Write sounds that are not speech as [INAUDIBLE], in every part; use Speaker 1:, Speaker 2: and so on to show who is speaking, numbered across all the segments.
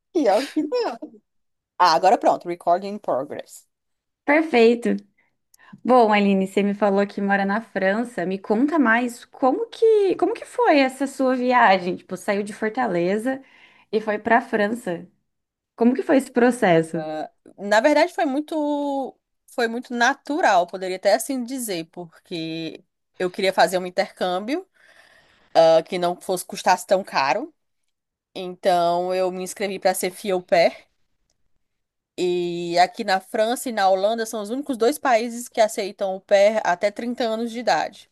Speaker 1: [LAUGHS] Pior que não. Ah, agora pronto, recording in progress.
Speaker 2: Perfeito. Bom, Aline, você me falou que mora na França. Me conta mais como que foi essa sua viagem? Tipo, saiu de Fortaleza e foi para a França. Como que foi esse processo?
Speaker 1: Ah, na verdade, foi muito natural, poderia até assim dizer, porque eu queria fazer um intercâmbio, que não fosse custasse tão caro. Então, eu me inscrevi para ser fille o pair. E aqui na França e na Holanda são os únicos dois países que aceitam o pair até 30 anos de idade.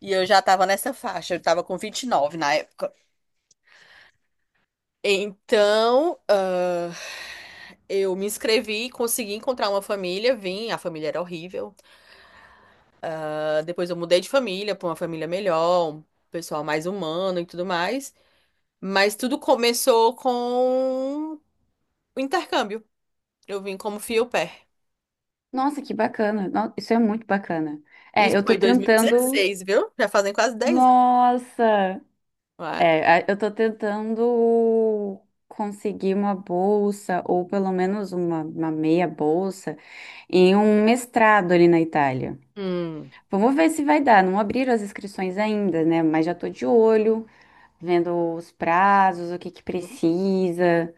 Speaker 1: E eu já estava nessa faixa, eu estava com 29 na época. Então, eu me inscrevi, consegui encontrar uma família, vim, a família era horrível. Ah, depois eu mudei de família para uma família melhor, um pessoal mais humano e tudo mais. Mas tudo começou com o intercâmbio. Eu vim como fio-pé.
Speaker 2: Nossa, que bacana. Isso é muito bacana. É,
Speaker 1: Isso
Speaker 2: eu
Speaker 1: foi
Speaker 2: tô
Speaker 1: em
Speaker 2: tentando.
Speaker 1: 2016, viu? Já fazem quase 10 anos.
Speaker 2: Nossa!
Speaker 1: Ué,
Speaker 2: É, eu tô tentando conseguir uma bolsa, ou pelo menos uma meia bolsa, em um mestrado ali na Itália.
Speaker 1: hum,
Speaker 2: Vamos ver se vai dar. Não abriram as inscrições ainda, né? Mas já tô de olho, vendo os prazos, o que que precisa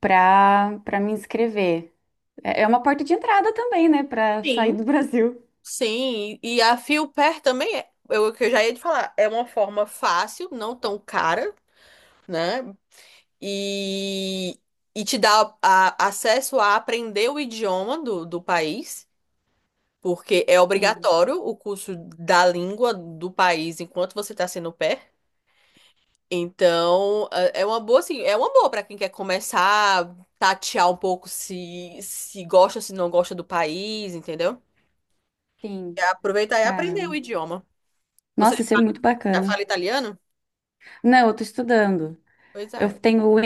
Speaker 2: para me inscrever. É é uma porta de entrada também, né? Para sair
Speaker 1: sim,
Speaker 2: do Brasil.
Speaker 1: sim. E a fio também é, eu, que eu já ia te falar, é uma forma fácil, não tão cara. Né? e, e te dá acesso a aprender o idioma do país, porque é
Speaker 2: Sim,
Speaker 1: obrigatório o curso da língua do país enquanto você está sendo pé. Então, é uma boa, assim, é uma boa para quem quer começar a tatear um pouco se gosta, se não gosta do país, entendeu? E
Speaker 2: sim,
Speaker 1: aproveitar e aprender o
Speaker 2: caramba.
Speaker 1: idioma. Você
Speaker 2: Nossa, isso é muito
Speaker 1: já
Speaker 2: bacana.
Speaker 1: fala italiano?
Speaker 2: Não, eu tô estudando.
Speaker 1: Pois
Speaker 2: Eu
Speaker 1: é.
Speaker 2: tenho o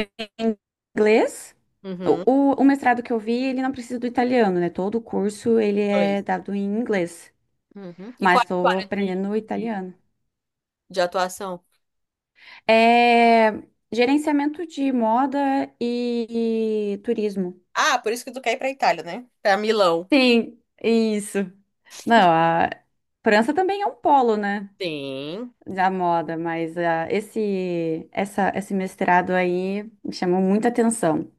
Speaker 2: inglês. O,
Speaker 1: Uhum.
Speaker 2: o, o mestrado que eu vi, ele não precisa do italiano, né? Todo o curso ele é
Speaker 1: Inglês.
Speaker 2: dado em inglês,
Speaker 1: Uhum. E qual
Speaker 2: mas
Speaker 1: é a sua
Speaker 2: estou
Speaker 1: área
Speaker 2: aprendendo o
Speaker 1: de,
Speaker 2: italiano.
Speaker 1: de atuação?
Speaker 2: É gerenciamento de moda e turismo.
Speaker 1: Ah, por isso que tu quer ir pra Itália, né? Pra Milão.
Speaker 2: Sim, isso. Não, a França também é um polo, né?
Speaker 1: Sim,
Speaker 2: Da moda, mas ah, esse mestrado aí me chamou muita atenção.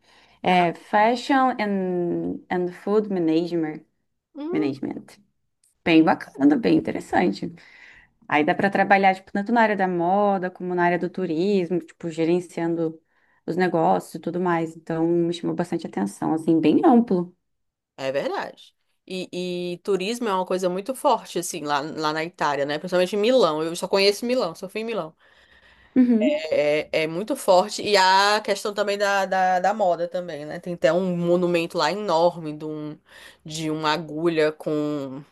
Speaker 2: É
Speaker 1: nacional.
Speaker 2: Fashion and Food Management.
Speaker 1: Hum,
Speaker 2: Management. Bem bacana, bem interessante. Aí dá para trabalhar, tipo, tanto na área da moda como na área do turismo, tipo, gerenciando os negócios e tudo mais. Então, me chamou bastante atenção, assim, bem amplo.
Speaker 1: é verdade. E turismo é uma coisa muito forte, assim, lá, lá na Itália, né? Principalmente em Milão. Eu só conheço Milão, só fui em Milão.
Speaker 2: Uhum.
Speaker 1: É, é muito forte. E a questão também da moda também, né? Tem até um monumento lá enorme de uma agulha com,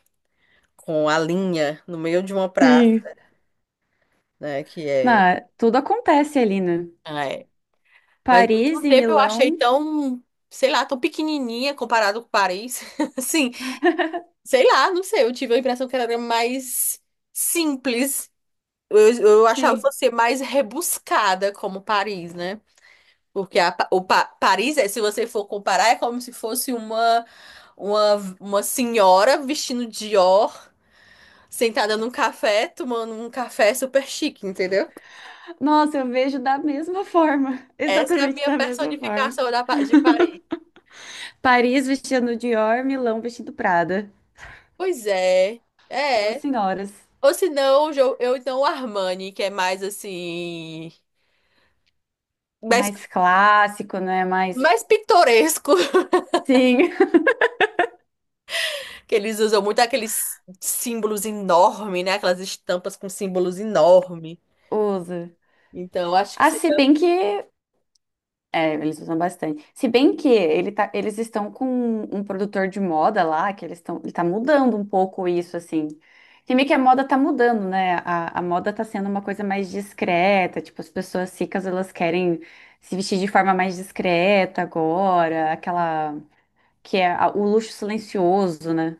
Speaker 1: com a linha no meio de uma praça,
Speaker 2: Sim.
Speaker 1: né?
Speaker 2: Não,
Speaker 1: Que
Speaker 2: tudo acontece ali, né?
Speaker 1: é. Mas ao
Speaker 2: Paris
Speaker 1: mesmo
Speaker 2: e
Speaker 1: tempo eu achei
Speaker 2: Milão.
Speaker 1: tão, sei lá, tão pequenininha comparado com Paris. [LAUGHS] Assim, sei lá, não sei, eu tive a impressão que ela era mais simples. Eu achava que
Speaker 2: Sim.
Speaker 1: fosse mais rebuscada como Paris, né? Porque a Pa- o Pa- Paris, é, se você for comparar, é como se fosse uma senhora vestindo Dior, sentada num café, tomando um café super chique, entendeu?
Speaker 2: Nossa, eu vejo da mesma forma. [LAUGHS]
Speaker 1: Essa é a
Speaker 2: Exatamente
Speaker 1: minha
Speaker 2: da mesma forma.
Speaker 1: personificação de Paris.
Speaker 2: Paris vestindo Dior, Milão vestindo Prada.
Speaker 1: Pois é,
Speaker 2: Duas
Speaker 1: é.
Speaker 2: senhoras.
Speaker 1: Ou se não, eu então o Armani, que é mais assim, mais,
Speaker 2: Mais clássico, né? Mais.
Speaker 1: mais pitoresco, [LAUGHS]
Speaker 2: Sim.
Speaker 1: que eles usam muito aqueles símbolos enormes, né? Aquelas estampas com símbolos enormes.
Speaker 2: [LAUGHS] Usa.
Speaker 1: Então, acho que
Speaker 2: Ah, se
Speaker 1: seria.
Speaker 2: bem que É, eles usam bastante. Se bem que ele tá, eles estão com um produtor de moda lá, que eles estão, ele tá mudando um pouco isso, assim. Que meio que a moda tá mudando, né? A moda tá sendo uma coisa mais discreta, tipo, as pessoas ricas, elas querem se vestir de forma mais discreta agora, aquela que é o luxo silencioso, né?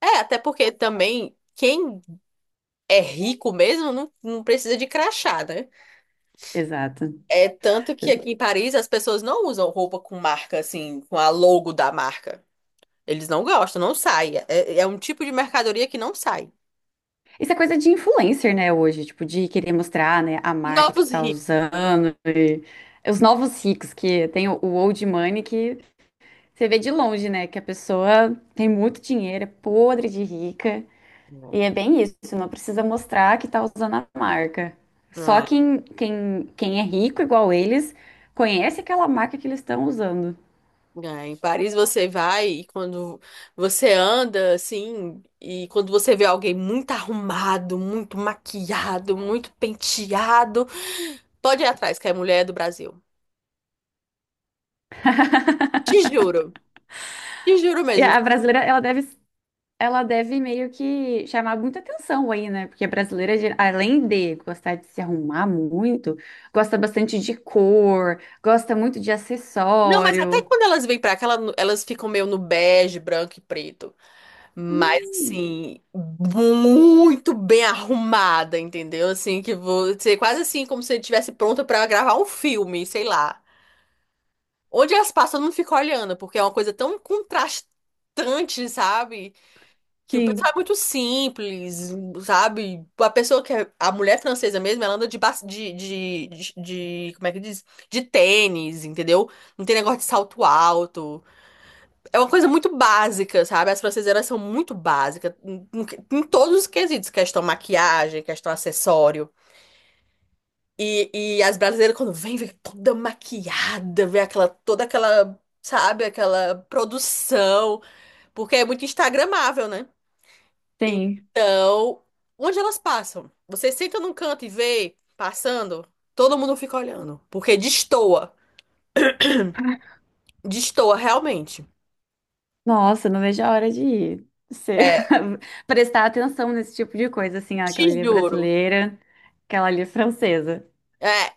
Speaker 1: É, até porque também quem é rico mesmo não, não precisa de crachá, né?
Speaker 2: Exato,
Speaker 1: É tanto que aqui em Paris as pessoas não usam roupa com marca, assim, com a logo da marca. Eles não gostam, não sai. É, é um tipo de mercadoria que não sai.
Speaker 2: isso é coisa de influencer, né, hoje, tipo, de querer mostrar, né, a marca que
Speaker 1: Novos
Speaker 2: tá
Speaker 1: ricos.
Speaker 2: usando e os novos ricos, que tem o old money que você vê de longe, né, que a pessoa tem muito dinheiro, é podre de rica,
Speaker 1: Não.
Speaker 2: e é bem isso, não precisa mostrar que tá usando a marca. Só
Speaker 1: É.
Speaker 2: quem é rico igual eles conhece aquela marca que eles estão usando.
Speaker 1: É, em Paris você vai e quando você anda assim, e quando você vê alguém muito arrumado, muito maquiado, muito penteado, pode ir atrás, que é mulher do Brasil. Te juro, te juro
Speaker 2: E
Speaker 1: mesmo.
Speaker 2: a brasileira, ela deve meio que chamar muita atenção aí, né? Porque a brasileira, além de gostar de se arrumar muito, gosta bastante de cor, gosta muito de
Speaker 1: Não, mas até
Speaker 2: acessório.
Speaker 1: quando elas vêm pra cá, elas ficam meio no bege, branco e preto. Mas
Speaker 2: Hum,
Speaker 1: assim, muito bem arrumada, entendeu? Assim, que você quase assim, como se estivesse pronta pra gravar um filme, sei lá. Onde elas passam, eu não fico olhando, porque é uma coisa tão contrastante, sabe? Que o
Speaker 2: sim,
Speaker 1: pessoal é muito simples, sabe? A pessoa que é, a mulher francesa mesmo, ela anda de, ba- de- como é que diz? De tênis, entendeu? Não tem negócio de salto alto. É uma coisa muito básica, sabe? As francesas, elas são muito básicas em todos os quesitos, questão maquiagem, questão acessório. E as brasileiras, quando vêm vem toda maquiada, vem aquela, toda aquela, sabe, aquela produção, porque é muito instagramável, né?
Speaker 2: tem.
Speaker 1: Então, onde elas passam? Você senta num canto e vê passando, todo mundo fica olhando, porque destoa, destoa realmente.
Speaker 2: Nossa, não vejo a hora de você
Speaker 1: É,
Speaker 2: [LAUGHS] prestar atenção nesse tipo de coisa, assim, ó,
Speaker 1: te
Speaker 2: aquela ali é
Speaker 1: juro.
Speaker 2: brasileira, aquela ali é francesa.
Speaker 1: É,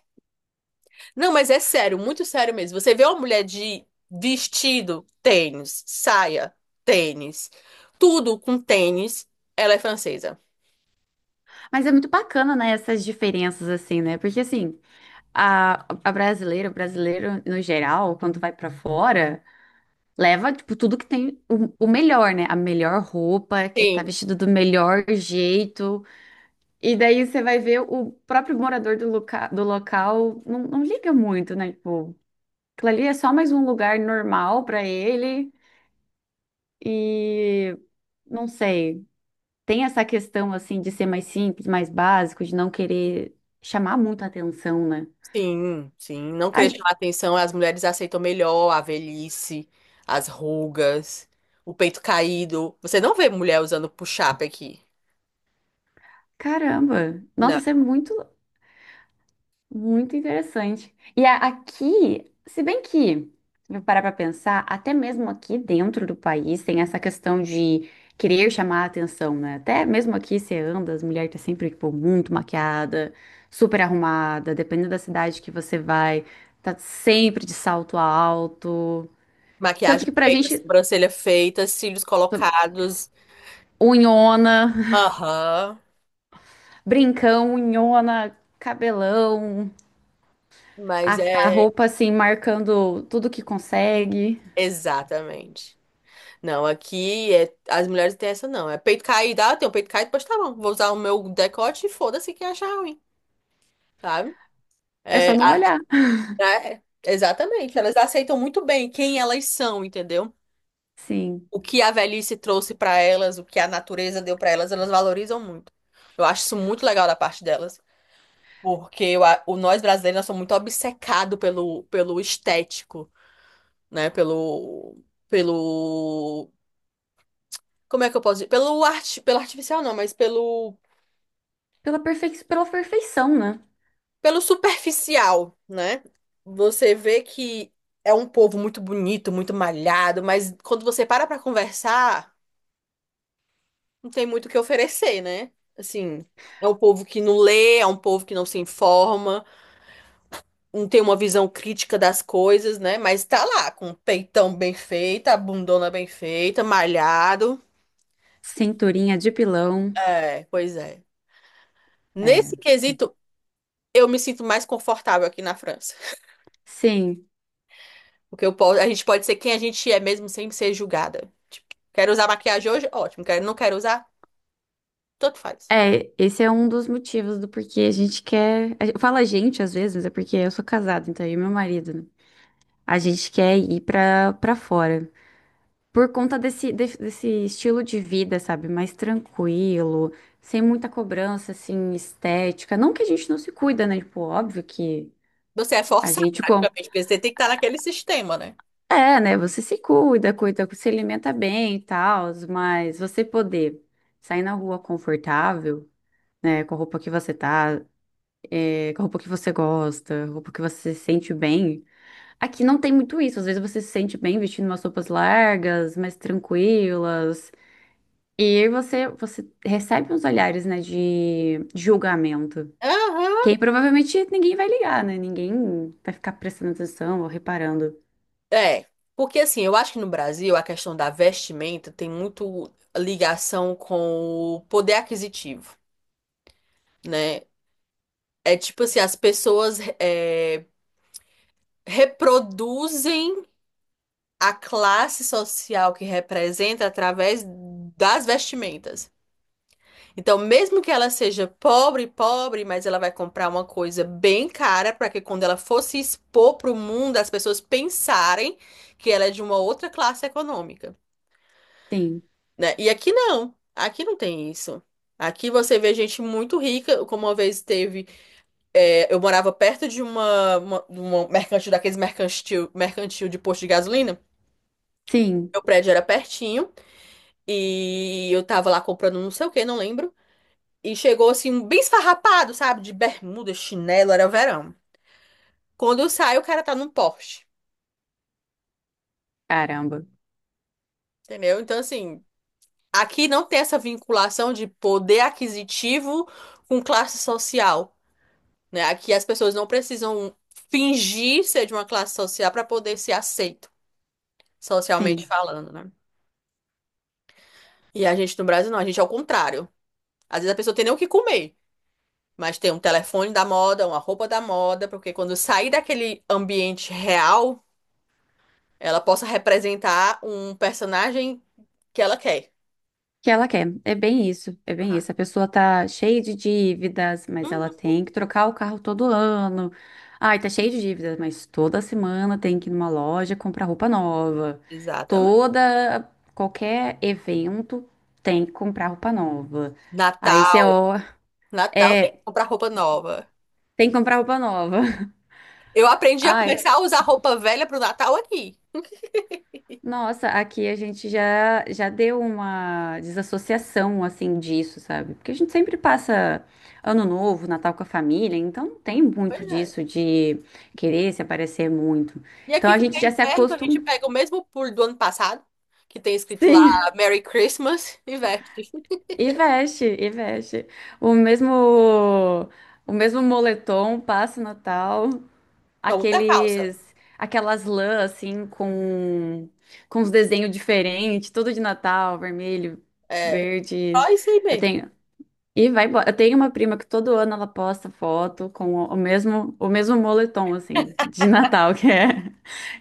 Speaker 1: não, mas é sério, muito sério mesmo. Você vê uma mulher de vestido, tênis, saia, tênis, tudo com tênis, ela é francesa.
Speaker 2: Mas é muito bacana, né, essas diferenças, assim, né? Porque, assim, a brasileira, o brasileiro, no geral, quando vai pra fora. Leva, tipo, tudo que tem o melhor, né? A melhor roupa, que tá
Speaker 1: Sim,
Speaker 2: vestido do melhor jeito. E daí você vai ver o próprio morador do, loca do local não, não liga muito, né? Tipo, aquilo ali é só mais um lugar normal pra ele. E não sei, tem essa questão, assim, de ser mais simples, mais básico, de não querer chamar muita atenção, né?
Speaker 1: sim, sim. Não
Speaker 2: Ai,
Speaker 1: querer chamar atenção, as mulheres aceitam melhor a velhice, as rugas, o peito caído. Você não vê mulher usando push-up aqui.
Speaker 2: caramba! Nossa,
Speaker 1: Não.
Speaker 2: isso é muito muito interessante. E aqui, se bem que, se eu parar para pensar, até mesmo aqui dentro do país tem essa questão de querer chamar a atenção, né? Até mesmo aqui você anda, as mulheres estão sempre, tipo, muito maquiada, super arrumada, dependendo da cidade que você vai, tá sempre de salto alto. Tanto
Speaker 1: Maquiagem
Speaker 2: que pra
Speaker 1: feita,
Speaker 2: gente,
Speaker 1: sobrancelha feita, cílios colocados.
Speaker 2: unhona,
Speaker 1: Aham.
Speaker 2: [LAUGHS] brincão, unhona, cabelão,
Speaker 1: Mas
Speaker 2: a, a
Speaker 1: é
Speaker 2: roupa assim, marcando tudo que consegue.
Speaker 1: exatamente. Não, aqui é, as mulheres têm essa não. É peito caído, ah, tem o peito caído, pois tá bom. Vou usar o meu decote e foda-se quem achar ruim, sabe?
Speaker 2: É
Speaker 1: É,
Speaker 2: só não olhar.
Speaker 1: né? Exatamente. Elas aceitam muito bem quem elas são, entendeu?
Speaker 2: Sim.
Speaker 1: O que a velhice trouxe pra elas, o que a natureza deu pra elas, elas valorizam muito. Eu acho isso muito legal da parte delas, porque eu a- o nós brasileiros nós somos muito obcecados pelo estético, né? Pelo como é que eu posso dizer? Pelo arte, pelo artificial não, mas pelo
Speaker 2: Pela perfeição, né?
Speaker 1: pelo superficial, né? Você vê que é um povo muito bonito, muito malhado, mas quando você para pra conversar não tem muito o que oferecer, né? Assim, é um povo que não lê, é um povo que não se informa, não tem uma visão crítica das coisas, né? Mas tá lá, com o peitão bem feito, a bundona bem feita, malhado.
Speaker 2: Cinturinha de pilão.
Speaker 1: É, pois é.
Speaker 2: É.
Speaker 1: Nesse quesito, eu me sinto mais confortável aqui na França.
Speaker 2: Sim.
Speaker 1: Porque eu posso, a gente pode ser quem a gente é mesmo sem ser julgada. Tipo, quero usar maquiagem hoje? Ótimo. Quero, não quero usar? Tanto faz.
Speaker 2: É, esse é um dos motivos do porquê a gente quer. Fala a gente às vezes, mas é porque eu sou casada, então eu e meu marido, né? A gente quer ir pra fora. Por conta desse estilo de vida, sabe? Mais tranquilo, sem muita cobrança, assim, estética. Não que a gente não se cuida, né? Tipo, óbvio que
Speaker 1: Você é
Speaker 2: a
Speaker 1: forçado,
Speaker 2: gente.
Speaker 1: praticamente, porque você tem que estar naquele sistema, né?
Speaker 2: É, né? Você se cuida, cuida, se alimenta bem e tal, mas você poder sair na rua confortável, né? Com a roupa que você tá, é, com a roupa que você gosta, roupa que você se sente bem. Aqui não tem muito isso. Às vezes você se sente bem vestindo umas roupas largas, mais tranquilas. E aí você, você recebe uns olhares, né, de julgamento. Que
Speaker 1: Aham.
Speaker 2: aí provavelmente ninguém vai ligar, né? Ninguém vai ficar prestando atenção ou reparando.
Speaker 1: É, porque assim, eu acho que no Brasil a questão da vestimenta tem muito ligação com o poder aquisitivo, né? É tipo assim, as pessoas reproduzem a classe social que representa através das vestimentas. Então, mesmo que ela seja pobre, pobre, mas ela vai comprar uma coisa bem cara para que quando ela for se expor para o mundo, as pessoas pensarem que ela é de uma outra classe econômica.
Speaker 2: Sim,
Speaker 1: Né? E aqui não. Aqui não tem isso. Aqui você vê gente muito rica, como uma vez teve. É, eu morava perto de uma mercantil, daqueles mercantil, mercantil de posto de gasolina.
Speaker 2: sim,
Speaker 1: Meu prédio era pertinho e eu tava lá comprando não sei o que, não lembro. E chegou assim, um bem esfarrapado, sabe? De bermuda, chinelo, era verão. Quando eu saio, o cara tá num Porsche,
Speaker 2: caramba.
Speaker 1: entendeu? Então, assim, aqui não tem essa vinculação de poder aquisitivo com classe social. Né? Aqui as pessoas não precisam fingir ser de uma classe social para poder ser aceito, socialmente
Speaker 2: Sim.
Speaker 1: falando, né? E a gente no Brasil não, a gente é o contrário. Às vezes a pessoa tem nem o que comer, mas tem um telefone da moda, uma roupa da moda, porque quando sair daquele ambiente real, ela possa representar um personagem que ela quer.
Speaker 2: Que ela quer. É bem isso, é bem isso. A pessoa tá cheia de dívidas, mas ela
Speaker 1: Uhum.
Speaker 2: tem que trocar o carro todo ano. Ai, tá cheia de dívidas, mas toda semana tem que ir numa loja comprar roupa nova.
Speaker 1: Exatamente.
Speaker 2: Toda, qualquer evento tem que comprar roupa nova. Aí você,
Speaker 1: Natal,
Speaker 2: ó,
Speaker 1: Natal tem que
Speaker 2: é,
Speaker 1: comprar roupa nova.
Speaker 2: tem que comprar roupa nova. [LAUGHS]
Speaker 1: Eu aprendi a
Speaker 2: Ai,
Speaker 1: começar a usar roupa velha pro Natal aqui.
Speaker 2: nossa, aqui a gente já deu uma desassociação assim disso, sabe? Porque a gente sempre passa Ano Novo, Natal com a família, então não tem
Speaker 1: Pois
Speaker 2: muito
Speaker 1: é.
Speaker 2: disso de querer se aparecer muito.
Speaker 1: E
Speaker 2: Então
Speaker 1: aqui,
Speaker 2: a
Speaker 1: quando
Speaker 2: gente
Speaker 1: é
Speaker 2: já se
Speaker 1: inverno, então a
Speaker 2: acostuma.
Speaker 1: gente pega o mesmo puro do ano passado, que tem escrito lá
Speaker 2: Sim,
Speaker 1: Merry Christmas, e veste.
Speaker 2: e veste, e veste. O mesmo o mesmo moletom passa o Natal.
Speaker 1: Só muita calça.
Speaker 2: Aqueles aquelas lãs assim com os desenhos diferentes, tudo de Natal, vermelho,
Speaker 1: É
Speaker 2: verde.
Speaker 1: só isso aí
Speaker 2: Eu
Speaker 1: mesmo.
Speaker 2: tenho E vai embora. Eu tenho uma prima que todo ano ela posta foto com o mesmo moletom assim de Natal, [LAUGHS]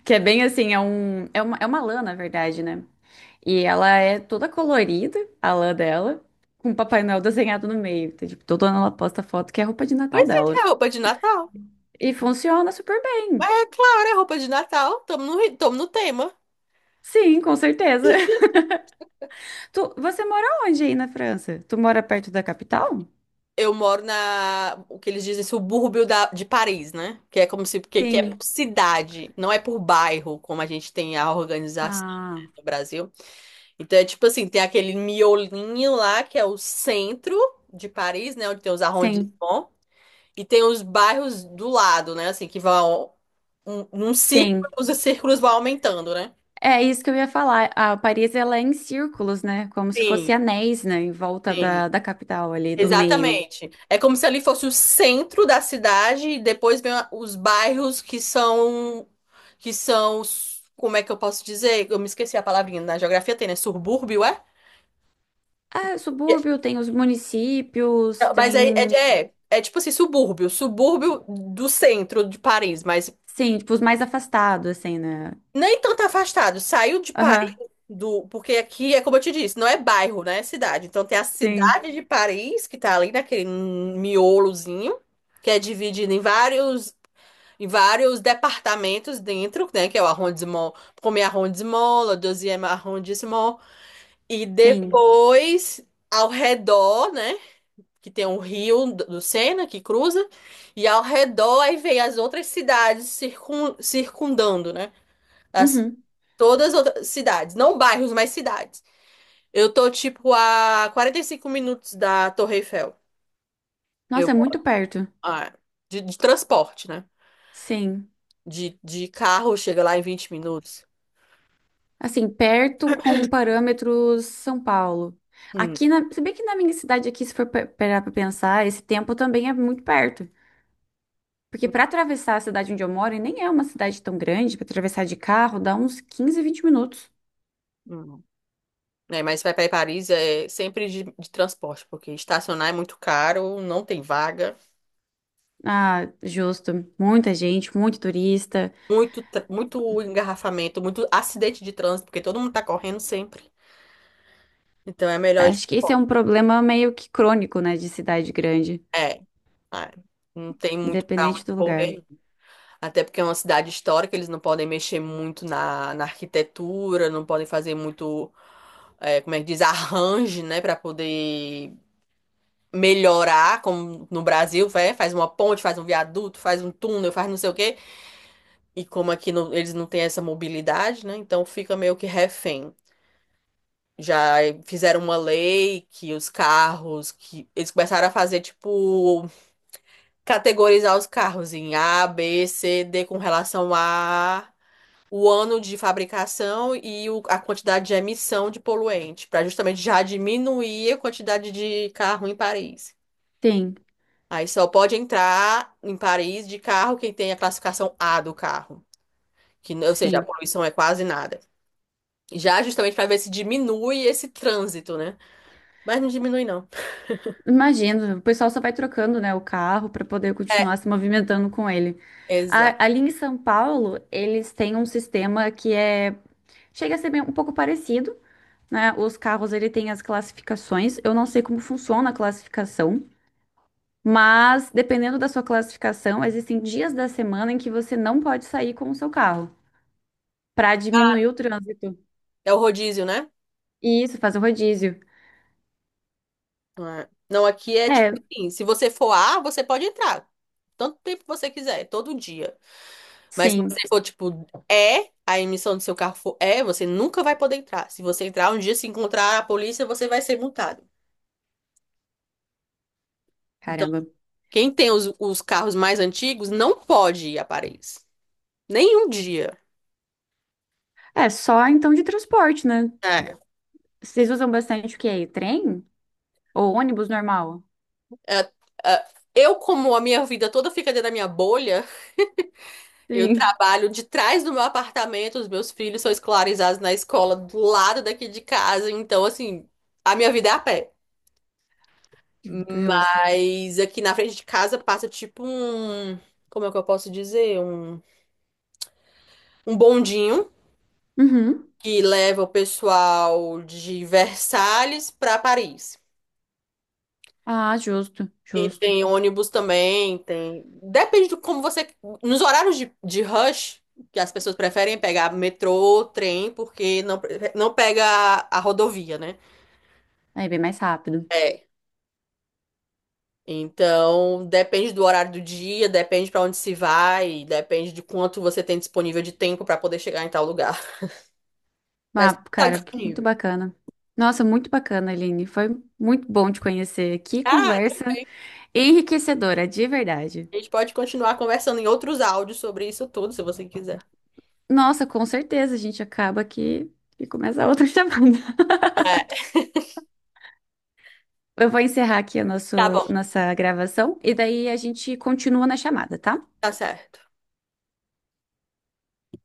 Speaker 2: que é bem assim, é um é uma lã na verdade, né? E ela é toda colorida, a lã dela. Com o Papai Noel desenhado no meio. Então, tipo, todo ano ela posta foto que é a roupa de Natal
Speaker 1: Pois é,
Speaker 2: dela.
Speaker 1: é roupa de Natal.
Speaker 2: E funciona super
Speaker 1: Mas
Speaker 2: bem.
Speaker 1: é claro, é roupa de Natal. Tamo no tema.
Speaker 2: Sim, com certeza. [LAUGHS] Tu, você mora onde aí na França? Tu mora perto da capital?
Speaker 1: Eu moro na, o que eles dizem, subúrbio de Paris, né? Que é como se, que é
Speaker 2: Sim.
Speaker 1: por cidade, não é por bairro, como a gente tem a organização
Speaker 2: Ah,
Speaker 1: no Brasil. Então é tipo assim, tem aquele miolinho lá, que é o centro de Paris, né? Onde tem os
Speaker 2: sim,
Speaker 1: arrondissements. E tem os bairros do lado, né? Assim, que vão. Um círculo,
Speaker 2: sim.
Speaker 1: os círculos vão aumentando, né?
Speaker 2: É isso que eu ia falar. A Paris, ela é em círculos, né? Como se
Speaker 1: Sim,
Speaker 2: fosse anéis, né? Em volta
Speaker 1: sim.
Speaker 2: da capital ali, do meio.
Speaker 1: Exatamente. É como se ali fosse o centro da cidade e depois vem os bairros que são. Que são. Como é que eu posso dizer? Eu me esqueci a palavrinha. Na geografia tem, né? Subúrbio, é?
Speaker 2: É, subúrbio, tem os municípios,
Speaker 1: É, mas aí
Speaker 2: tem...
Speaker 1: é tipo assim, subúrbio. Subúrbio do centro de Paris, mas
Speaker 2: Sim, tipo, os mais afastados, assim, né?
Speaker 1: nem tanto afastado. Saiu de Paris.
Speaker 2: Aham,
Speaker 1: Porque aqui é como eu te disse, não é bairro, né? É cidade. Então tem a
Speaker 2: sim.
Speaker 1: cidade de Paris, que tá ali naquele miolozinho, que é dividida em vários departamentos dentro, né, que é o arrondissement, premier arrondissement, le deuxième arrondissement, e
Speaker 2: Sim.
Speaker 1: depois ao redor, né, que tem o rio do Sena que cruza, e ao redor aí vem as outras cidades circun, circundando, né? As,
Speaker 2: Uhum.
Speaker 1: todas as outras cidades, não bairros, mas cidades. Eu tô, tipo, a 45 minutos da Torre Eiffel. Eu,
Speaker 2: Nossa, é muito perto.
Speaker 1: ah, de transporte, né?
Speaker 2: Sim.
Speaker 1: De carro, chega lá em 20 minutos.
Speaker 2: Assim, perto com parâmetros São Paulo.
Speaker 1: Hum,
Speaker 2: Aqui na, se bem que na minha cidade aqui, se for parar pra pensar, esse tempo também é muito perto. Porque
Speaker 1: hum,
Speaker 2: para atravessar a cidade onde eu moro, e nem é uma cidade tão grande, para atravessar de carro dá uns 15, 20 minutos.
Speaker 1: hum. É, mas vai para Paris é sempre de transporte, porque estacionar é muito caro, não tem vaga,
Speaker 2: Ah, justo. Muita gente, muito turista.
Speaker 1: muito, muito engarrafamento, muito acidente de trânsito, porque todo mundo tá correndo sempre. Então é melhor ir de
Speaker 2: Acho que esse é
Speaker 1: transporte.
Speaker 2: um problema meio que crônico, né, de cidade grande,
Speaker 1: É, é. Não tem muito pra
Speaker 2: independente
Speaker 1: onde
Speaker 2: do lugar.
Speaker 1: correr. Até porque é uma cidade histórica, eles não podem mexer muito na arquitetura, não podem fazer muito, como é que diz, arranjo, né, para poder melhorar, como no Brasil, vai, faz uma ponte, faz um viaduto, faz um túnel, faz não sei o quê. E como aqui eles não têm essa mobilidade, né, então fica meio que refém. Já fizeram uma lei que os carros, que eles começaram a fazer, tipo, categorizar os carros em A, B, C, D com relação a o ano de fabricação e a quantidade de emissão de poluente, para justamente já diminuir a quantidade de carro em Paris.
Speaker 2: Sim,
Speaker 1: Aí só pode entrar em Paris de carro quem tem a classificação A do carro, que, ou seja, a
Speaker 2: sim.
Speaker 1: poluição é quase nada. Já justamente para ver se diminui esse trânsito, né? Mas não diminui, não.
Speaker 2: Imagino, o pessoal só vai trocando, né, o carro para poder
Speaker 1: É,
Speaker 2: continuar se movimentando com ele.
Speaker 1: exato.
Speaker 2: Ali em São Paulo, eles têm um sistema que é chega a ser um pouco parecido, né? Os carros ele tem as classificações. Eu não sei como funciona a classificação, mas dependendo da sua classificação, existem dias da semana em que você não pode sair com o seu carro para diminuir o trânsito.
Speaker 1: É o rodízio, né?
Speaker 2: E isso faz o rodízio.
Speaker 1: Não, não, aqui é tipo
Speaker 2: É,
Speaker 1: assim, se você for A, você pode entrar. Tanto tempo que você quiser, todo dia. Mas se
Speaker 2: sim.
Speaker 1: você for, tipo, é, a emissão do seu carro for é, você nunca vai poder entrar. Se você entrar um dia, se encontrar a polícia, você vai ser multado. Então,
Speaker 2: Caramba.
Speaker 1: quem tem os carros mais antigos não pode ir a Paris. Nenhum dia.
Speaker 2: É só então de transporte, né?
Speaker 1: É.
Speaker 2: Vocês usam bastante o quê? Trem ou ônibus normal?
Speaker 1: É, é, eu, como a minha vida toda fica dentro da minha bolha, eu
Speaker 2: Sim,
Speaker 1: trabalho de trás do meu apartamento, os meus filhos são escolarizados na escola do lado daqui de casa, então, assim, a minha vida é a pé.
Speaker 2: [LAUGHS] justo.
Speaker 1: Mas aqui na frente de casa passa tipo um, como é que eu posso dizer? Um bondinho
Speaker 2: Uhum.
Speaker 1: que leva o pessoal de Versalhes para Paris.
Speaker 2: Ah, justo,
Speaker 1: E
Speaker 2: justo.
Speaker 1: tem ônibus também, tem. Depende de como você. Nos horários de rush, que as pessoas preferem pegar metrô, trem, porque não pega a rodovia, né?
Speaker 2: Aí bem mais rápido.
Speaker 1: É. Então, depende do horário do dia, depende para onde se vai, depende de quanto você tem disponível de tempo para poder chegar em tal lugar.
Speaker 2: Ah,
Speaker 1: Mas tá
Speaker 2: cara, que muito
Speaker 1: disponível.
Speaker 2: bacana. Nossa, muito bacana, Aline. Foi muito bom te conhecer. Que
Speaker 1: Ah,
Speaker 2: conversa enriquecedora, de verdade.
Speaker 1: a gente pode continuar conversando em outros áudios sobre isso tudo, se você quiser.
Speaker 2: Nossa, com certeza a gente acaba aqui e começa outra [LAUGHS] chamada.
Speaker 1: É,
Speaker 2: Eu vou encerrar aqui a
Speaker 1: tá
Speaker 2: nosso,
Speaker 1: bom.
Speaker 2: nossa gravação e daí a gente continua na chamada, tá?
Speaker 1: Tá certo.